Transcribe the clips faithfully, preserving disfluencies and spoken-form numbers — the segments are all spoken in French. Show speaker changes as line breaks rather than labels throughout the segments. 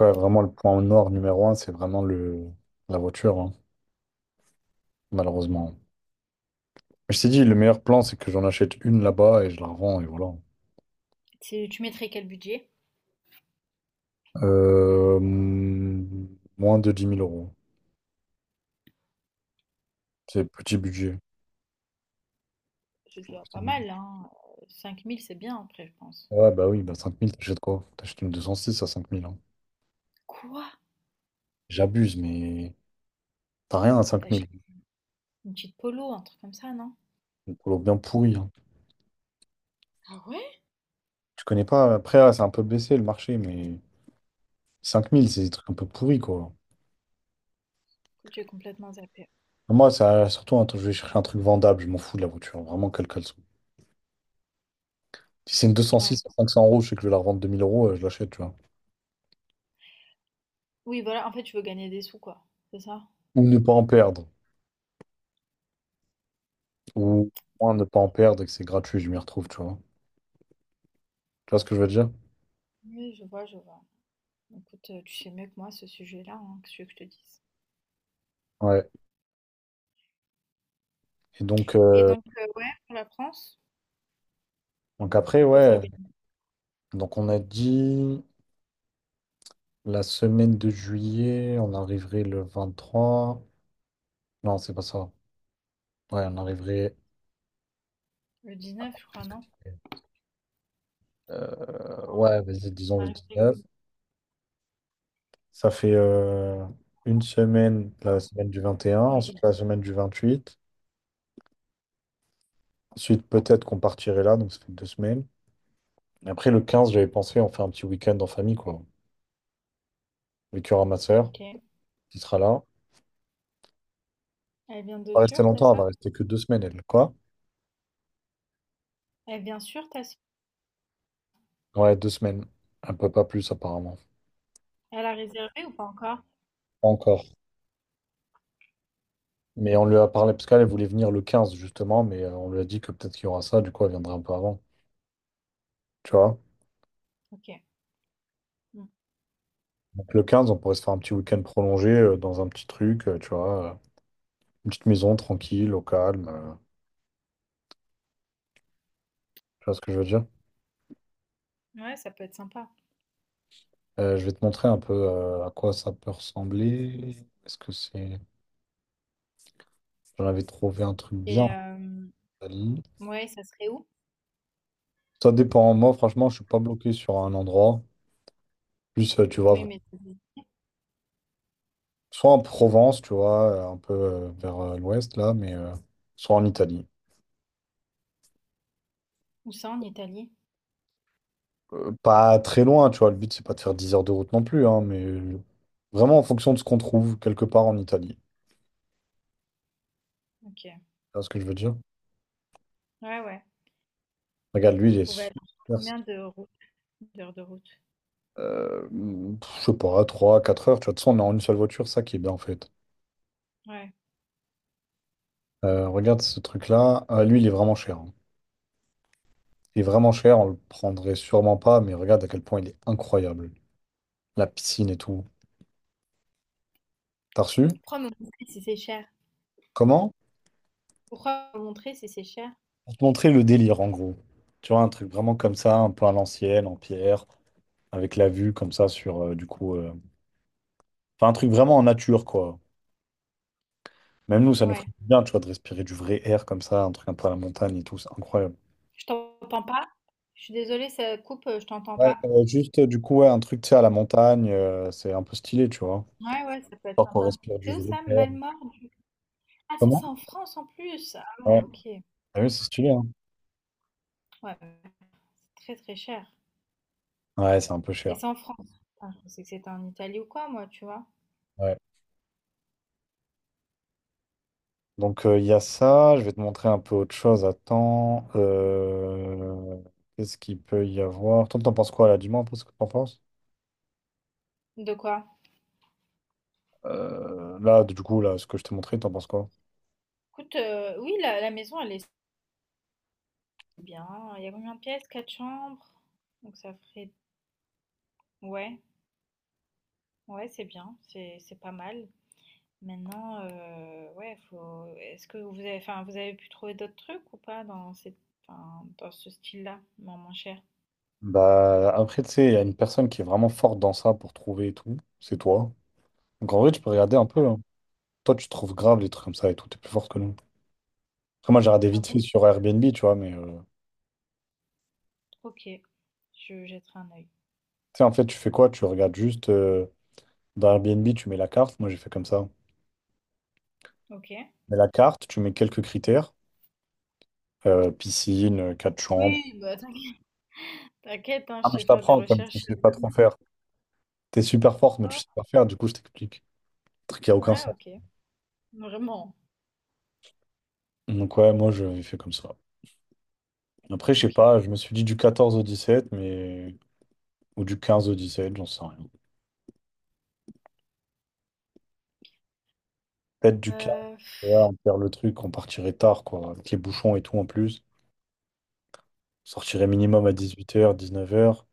Ouais, vraiment, le point noir numéro un, c'est vraiment le... la voiture, hein, malheureusement. Mais je t'ai dit, le meilleur plan, c'est que j'en achète une là-bas et je la revends, et voilà.
Tu tu mettrais quel budget?
Euh, mm, Moins de dix mille euros. C'est petit budget.
C'est déjà
Petit
pas
budget.
mal, hein. Cinq mille, c'est bien après, je pense.
Ouais, bah oui, bah cinq mille t'achètes quoi? T'achètes une deux cent six à cinq mille, hein.
Quoi?
J'abuse, mais t'as rien à cinq mille.
T'achètes- Une petite polo, un truc comme ça, non?
Une polo bien pourrie, hein.
Ah ouais?
Tu connais pas, après, là, c'est un peu baissé le marché, mais cinq mille, c'est des trucs un peu pourris, quoi.
Écoute, j'ai complètement zappé.
Moi, ça, surtout, un truc- je vais chercher un truc vendable, je m'en fous de la voiture, vraiment, quelle qu'elle soit. Si c'est une
Ouais.
deux cent six à cinq cents euros, je sais que je vais la revendre deux mille euros, euh, je l'achète, tu vois.
Oui, voilà, en fait, tu veux gagner des sous, quoi. C'est ça?
Ou ne pas en perdre. Ou au moins ne pas en perdre et que c'est gratuit, je m'y retrouve, tu vois. Tu vois ce que je veux dire?
Oui, je vois, je vois. Écoute, euh, tu sais mieux que moi ce sujet-là, hein, que ce que je te dise.
Ouais. Et donc,
Et
euh,
donc, euh, ouais, pour la France,
donc après,
ça
ouais.
s'organise
Donc on a dit la semaine de juillet, on arriverait le vingt trois. Non, c'est pas ça. Ouais, on arriverait.
le dix-neuf, je crois, non?
Euh, ouais, vas-y, disons
On
le
arrive
dix
le
neuf Ça fait euh, une semaine, la
un.
semaine du vingt et un, ensuite
Oui,
la semaine du vingt huit. Ensuite, peut-être qu'on partirait là, donc ça fait deux semaines. Après, le quinze, j'avais pensé en faire un petit week-end en famille, quoi. Avec il y ma soeur
ok.
qui sera là.
Elle vient
Elle va
de
pas rester
Turc, t'as
longtemps, elle va
ça?
rester que deux semaines, elle. Quoi?
Elle vient sur, t'as ça?
Ouais, deux semaines. Un peu pas plus, apparemment.
Elle a réservé ou pas encore?
Pas encore. Mais on lui a parlé, parce qu'elle elle voulait venir le quinze, justement, mais euh, on lui a dit que peut-être qu'il y aura ça, du coup, elle viendra un peu avant. Tu vois?
Ok. Mm.
Donc le quinze, on pourrait se faire un petit week-end prolongé euh, dans un petit truc, euh, tu vois. Euh, une petite maison tranquille, au calme. Euh, tu vois ce que je veux dire?
Ouais, ça peut être sympa.
Euh, je vais te montrer un peu euh, à quoi ça peut ressembler. Est-ce que c'est... J'en avais trouvé un truc bien
Et
en
euh,
Italie.
ouais, ça serait où?
Ça dépend. Moi, franchement, je suis pas bloqué sur un endroit. Plus, euh, tu vois,
Oui,
vra-
mais
soit en Provence, tu vois, euh, un peu euh, vers euh, l'ouest, là, mais euh, soit en Italie.
où ça en Italie?
Euh, pas très loin, tu vois. Le but, c'est pas de faire dix heures de route non plus, hein, mais euh, vraiment en fonction de ce qu'on trouve quelque part en Italie. Tu
Ok.
vois ce que je veux dire?
Ouais, ouais.
Regarde, lui, il est
Faut aller
super.
combien de route, d'heures de route?
Euh, Pff, je sais pas, trois, quatre heures. Tu vois, de toute façon, on est en une seule voiture, ça qui est bien, en fait.
Ouais.
Euh, regarde ce truc-là. Ah, lui, il est vraiment cher, hein. Il est vraiment cher, on le prendrait sûrement pas, mais regarde à quel point il est incroyable. La piscine et tout. T'as reçu?
Pourquoi me montrer si c'est cher?
Comment?
Pourquoi me montrer si c'est cher?
Pour te montrer le délire, en gros. Tu vois, un truc vraiment comme ça, un peu à l'ancienne, en pierre, avec la vue comme ça sur, euh, du coup... euh, enfin, un truc vraiment en nature, quoi. Même nous, ça nous ferait
Ouais.
du bien, tu vois, de respirer du vrai air comme ça, un truc un peu à la montagne et tout, c'est incroyable.
Je t'entends pas. Je suis désolée, ça coupe, euh, je t'entends
Ouais,
pas.
euh, juste, euh, du coup, ouais, un truc, tu sais, à la montagne, euh, c'est un peu stylé, tu vois.
Ouais, ouais, ça peut être
Histoire qu'on
sympa.
respire
C'est
du
où
vrai
ça,
air.
Malmort? Ah, ça, c'est
Comment?
en France en plus. Ah
Ouais,
ouais, ok. Ouais,
ah oui, c'est stylé, hein.
ouais, c'est très très cher.
Ouais, c'est un peu
Et
cher.
c'est en France. Putain, je pensais que c'était en Italie ou quoi, moi, tu vois?
Ouais. Donc, euh, il y a ça. Je vais te montrer un peu autre chose. Attends. Euh, Qu'est-ce qu'il peut y avoir? Toi, t'en penses quoi là? Dis-moi un peu ce que t'en penses.
De quoi?
Euh, là, du coup, là, ce que je t'ai montré, t'en penses quoi?
Écoute, euh, oui, la, la maison, elle est c'est bien. Il y a combien de pièces? Quatre chambres. Donc ça ferait... Ouais, ouais, c'est bien. C'est, c'est pas mal. Maintenant, euh, ouais, faut... Est-ce que vous avez... Enfin, vous avez pu trouver d'autres trucs ou pas dans cette... enfin, dans ce style-là, moins moins cher?
Bah, après, tu sais, il y a une personne qui est vraiment forte dans ça pour trouver et tout. C'est toi. Donc, en vrai, tu peux regarder un peu, hein. Toi, tu trouves grave les trucs comme ça et tout. T'es plus forte que nous. Après, moi, j'ai regardé
Ah
vite fait
bon?
sur Airbnb, tu vois, mais euh,
Ok. Je jetterai un œil.
tu sais, en fait, tu fais quoi? Tu regardes juste euh, dans Airbnb, tu mets la carte. Moi, j'ai fait comme ça.
Ok.
Tu mets la carte, tu mets quelques critères. Euh, piscine, euh, quatre chambres.
Oui, bah t'inquiète, t'inquiète, hein,
Ah,
je
mais
sais
je
faire des
t'apprends, comme tu
recherches.
sais pas trop faire. T'es super forte, mais tu
Oh,
sais pas faire, du coup, je t'explique. Un truc qui a aucun
ouais,
sens.
ok. Vraiment.
Donc, ouais, moi, j'avais fait comme ça. Après, je sais
Ok.
pas, je me suis dit du quatorze au dix sept, mais. Ou du quinze au dix sept, j'en sais rien. Peut-être du quinze,
Euh,
tu vois, on perd le truc, on partirait tard, quoi, avec les bouchons et tout en plus. On sortirait minimum à dix-huit heures, dix-neuf heures.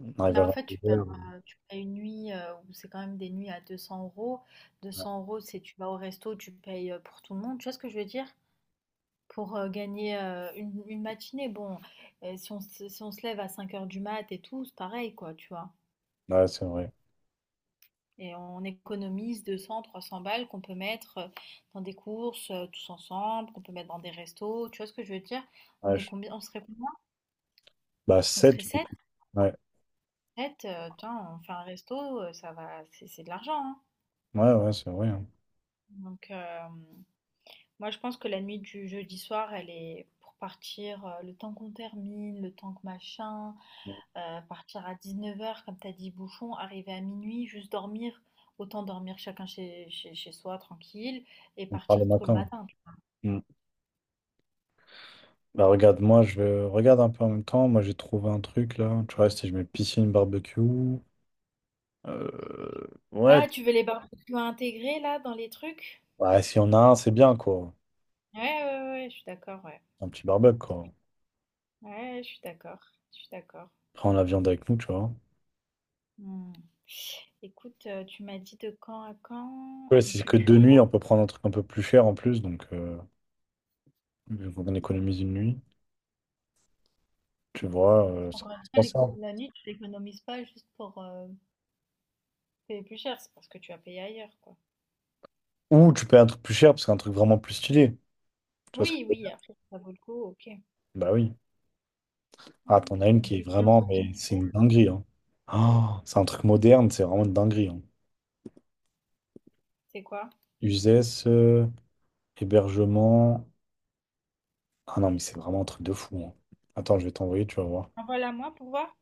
On arrive
Mais
à
en fait, tu
vingt-deux
perds,
heures.
heu, tu payes une nuit, heu, où c'est quand même des nuits à deux cents €. deux cents euros deux cents euros, c'est tu vas au resto, tu payes, heu, pour tout le monde. Tu vois ce que je veux dire? Pour, heu, gagner, heu, une une matinée, bon, heu, si on se si on se lève à cinq heures du mat et tout, c'est pareil quoi, tu vois?
Ouais, c'est vrai.
Et on économise deux cent à trois cents balles qu'on peut mettre, heu, dans des courses, heu, tous ensemble, qu'on peut mettre dans des restos. Tu vois ce que je veux dire? On
Ouais,
est
je-
combien on serait combien?
Bah,
On
sept
serait
du
sept
coup. Ouais,
sept euh, tiens, on fait un resto, heu, ça va c'est c'est de l'argent, hein.
ouais, ouais, c'est vrai, hein.
Donc, hem Moi, je pense que la nuit du jeudi soir, elle est pour partir euh, le temps qu'on termine, le temps que machin, euh, partir à dix-neuf heures comme t'as dit, bouchon, arriver à minuit, juste dormir, autant dormir chacun chez, chez, chez soi, tranquille, et
On parle le
partir tôt le
matin.
matin.
Bah regarde, moi je regarde un peu en même temps. Moi j'ai trouvé un truc là. Tu vois, si je mets piscine, barbecue. Euh, ouais,
Ah, tu veux les barbecues à intégrer là dans les trucs?
ouais, si on a un, c'est bien quoi.
Ouais, ouais, ouais, ouais, je suis d'accord, ouais.
Un petit barbecue quoi.
Ouais, je suis d'accord, je suis d'accord.
Prends la viande avec nous, tu vois.
Hmm. Écoute, euh, tu m'as dit de quand à quand
Ouais, si c'est que deux
durer.
nuits, on peut prendre un truc un peu plus cher en plus. Donc, euh, vu qu'on économise une nuit, tu vois, euh, ça
Encore
peut
une
se
fois,
penser,
l'éco-
hein.
la nuit, tu l'économises pas juste pour, euh, c'est plus cher, c'est parce que tu as payé ailleurs, quoi.
Ou tu payes un truc plus cher parce qu'un truc vraiment plus stylé. Tu vois ce que
Oui,
je veux
oui,
dire?
après, si ça vaut le coup, ok.
Bah oui. Ah, t'en
Hmm.
as une
Donc,
qui est
du quinze
vraiment,
au
mais c'est
dix-sept,
une dinguerie, hein. Ah c'est un truc moderne, c'est vraiment une dinguerie, hein.
c'est quoi?
Uzès. euh, Hébergement. Ah non, mais c'est vraiment un truc de fou, hein. Attends, je vais t'envoyer, tu vas voir.
Envoie-la moi pour voir.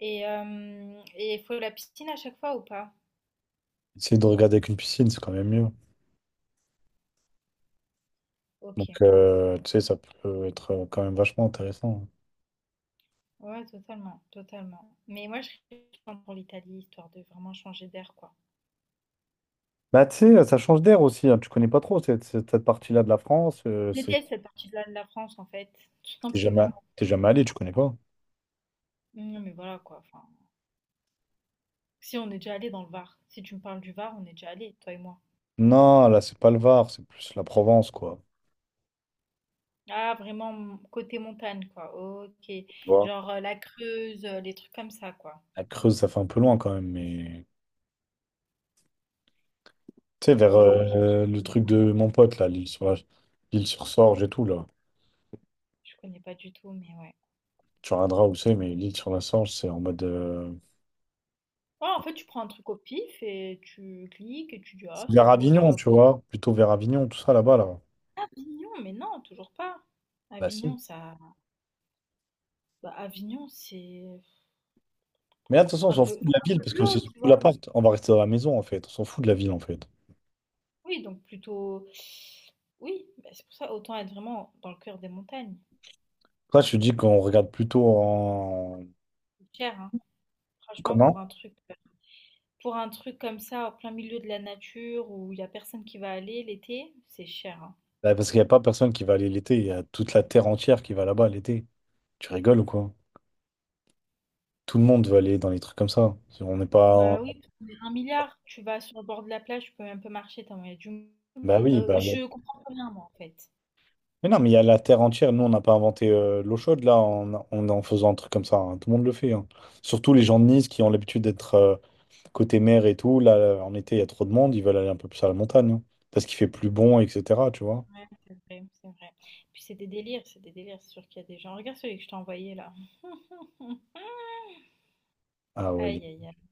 Et euh, et il faut la piscine à chaque fois ou pas?
Essayer de regarder avec une piscine, c'est quand même mieux.
Ok.
Donc, euh, tu sais, ça peut être euh, quand même vachement intéressant.
Ouais, totalement, totalement. Mais moi, je serais contente pour l'Italie, histoire de vraiment changer d'air, quoi.
Bah, tu sais, ça change d'air aussi, hein. Tu connais pas trop cette, cette- cette partie-là de la France. Euh,
Je
c'est,
déteste cette partie-là de la France, en fait, tout
t'es jamais,
simplement.
t'es jamais allé, tu connais pas.
Non, mais voilà, quoi. Enfin, si on est déjà allé dans le Var. Si tu me parles du Var, on est déjà allé, toi et moi.
Non, là, c'est pas le Var, c'est plus la Provence, quoi.
Ah, vraiment, m- côté montagne, quoi. Ok.
Tu vois.
Genre euh, la Creuse, euh, les trucs comme ça, quoi.
La Creuse, ça fait un peu loin quand même, mais tu sais, vers
Ok.
euh, le truc
Hmm.
de mon pote, là, l'île sur la- l'île sur Sorge et tout, là.
Je connais pas du tout, mais ouais.
Tu regarderas où c'est, mais l'île sur la Sorge, c'est en mode. euh,
Ouais, en fait, tu prends un truc au pif et tu cliques et tu dis,
C'est
ah, c'est
vers
beau, c'est
Avignon,
pas beau.
tu vois. Plutôt vers Avignon, tout ça là-bas, là.
Avignon, mais non, toujours pas.
Bah
Avignon,
si.
ça. Bah, Avignon, c'est
Mais là, de toute façon, on
un
s'en
peu,
fout de la
un
ville
peu
parce
plus
que c'est
haut, tu
surtout
vois.
l'appart. On va rester dans la maison, en fait. On s'en fout de la ville, en fait.
Oui, donc plutôt. Oui, bah, c'est pour ça, autant être vraiment dans le cœur des montagnes.
Là, je te dis qu'on regarde plutôt en
C'est cher, hein. Franchement,
commun.
pour un truc. euh, Pour un truc comme ça, en plein milieu de la nature, où il y a personne qui va aller l'été, c'est cher, hein.
Bah, parce qu'il n'y a pas personne qui va aller l'été. Il y a toute la terre entière qui va là-bas l'été. Tu rigoles ou quoi? Tout le monde veut aller dans les trucs comme ça. Si on n'est pas.
Bah oui, parce que un milliard. Tu vas sur le bord de la plage, tu peux même pas marcher, t'as moyen du...
Bah oui,
Euh,
bah il y
je
a-
comprends pas bien, moi, en fait.
Mais non, mais il y a la terre entière. Nous, on n'a pas inventé euh, l'eau chaude, là, en, en, en faisant un truc comme ça, hein. Tout le monde le fait, hein. Surtout les gens de Nice qui ont l'habitude d'être euh, côté mer et tout, là, en été, il y a trop de monde, ils veulent aller un peu plus à la montagne, hein, parce qu'il fait plus bon, et cetera, tu vois.
Ouais, c'est vrai, c'est vrai. Puis c'est des délires, c'est des délires. C'est sûr qu'il y a des gens. Regarde celui que je t'ai envoyé, là.
Ah ouais.
Aïe, aïe, aïe.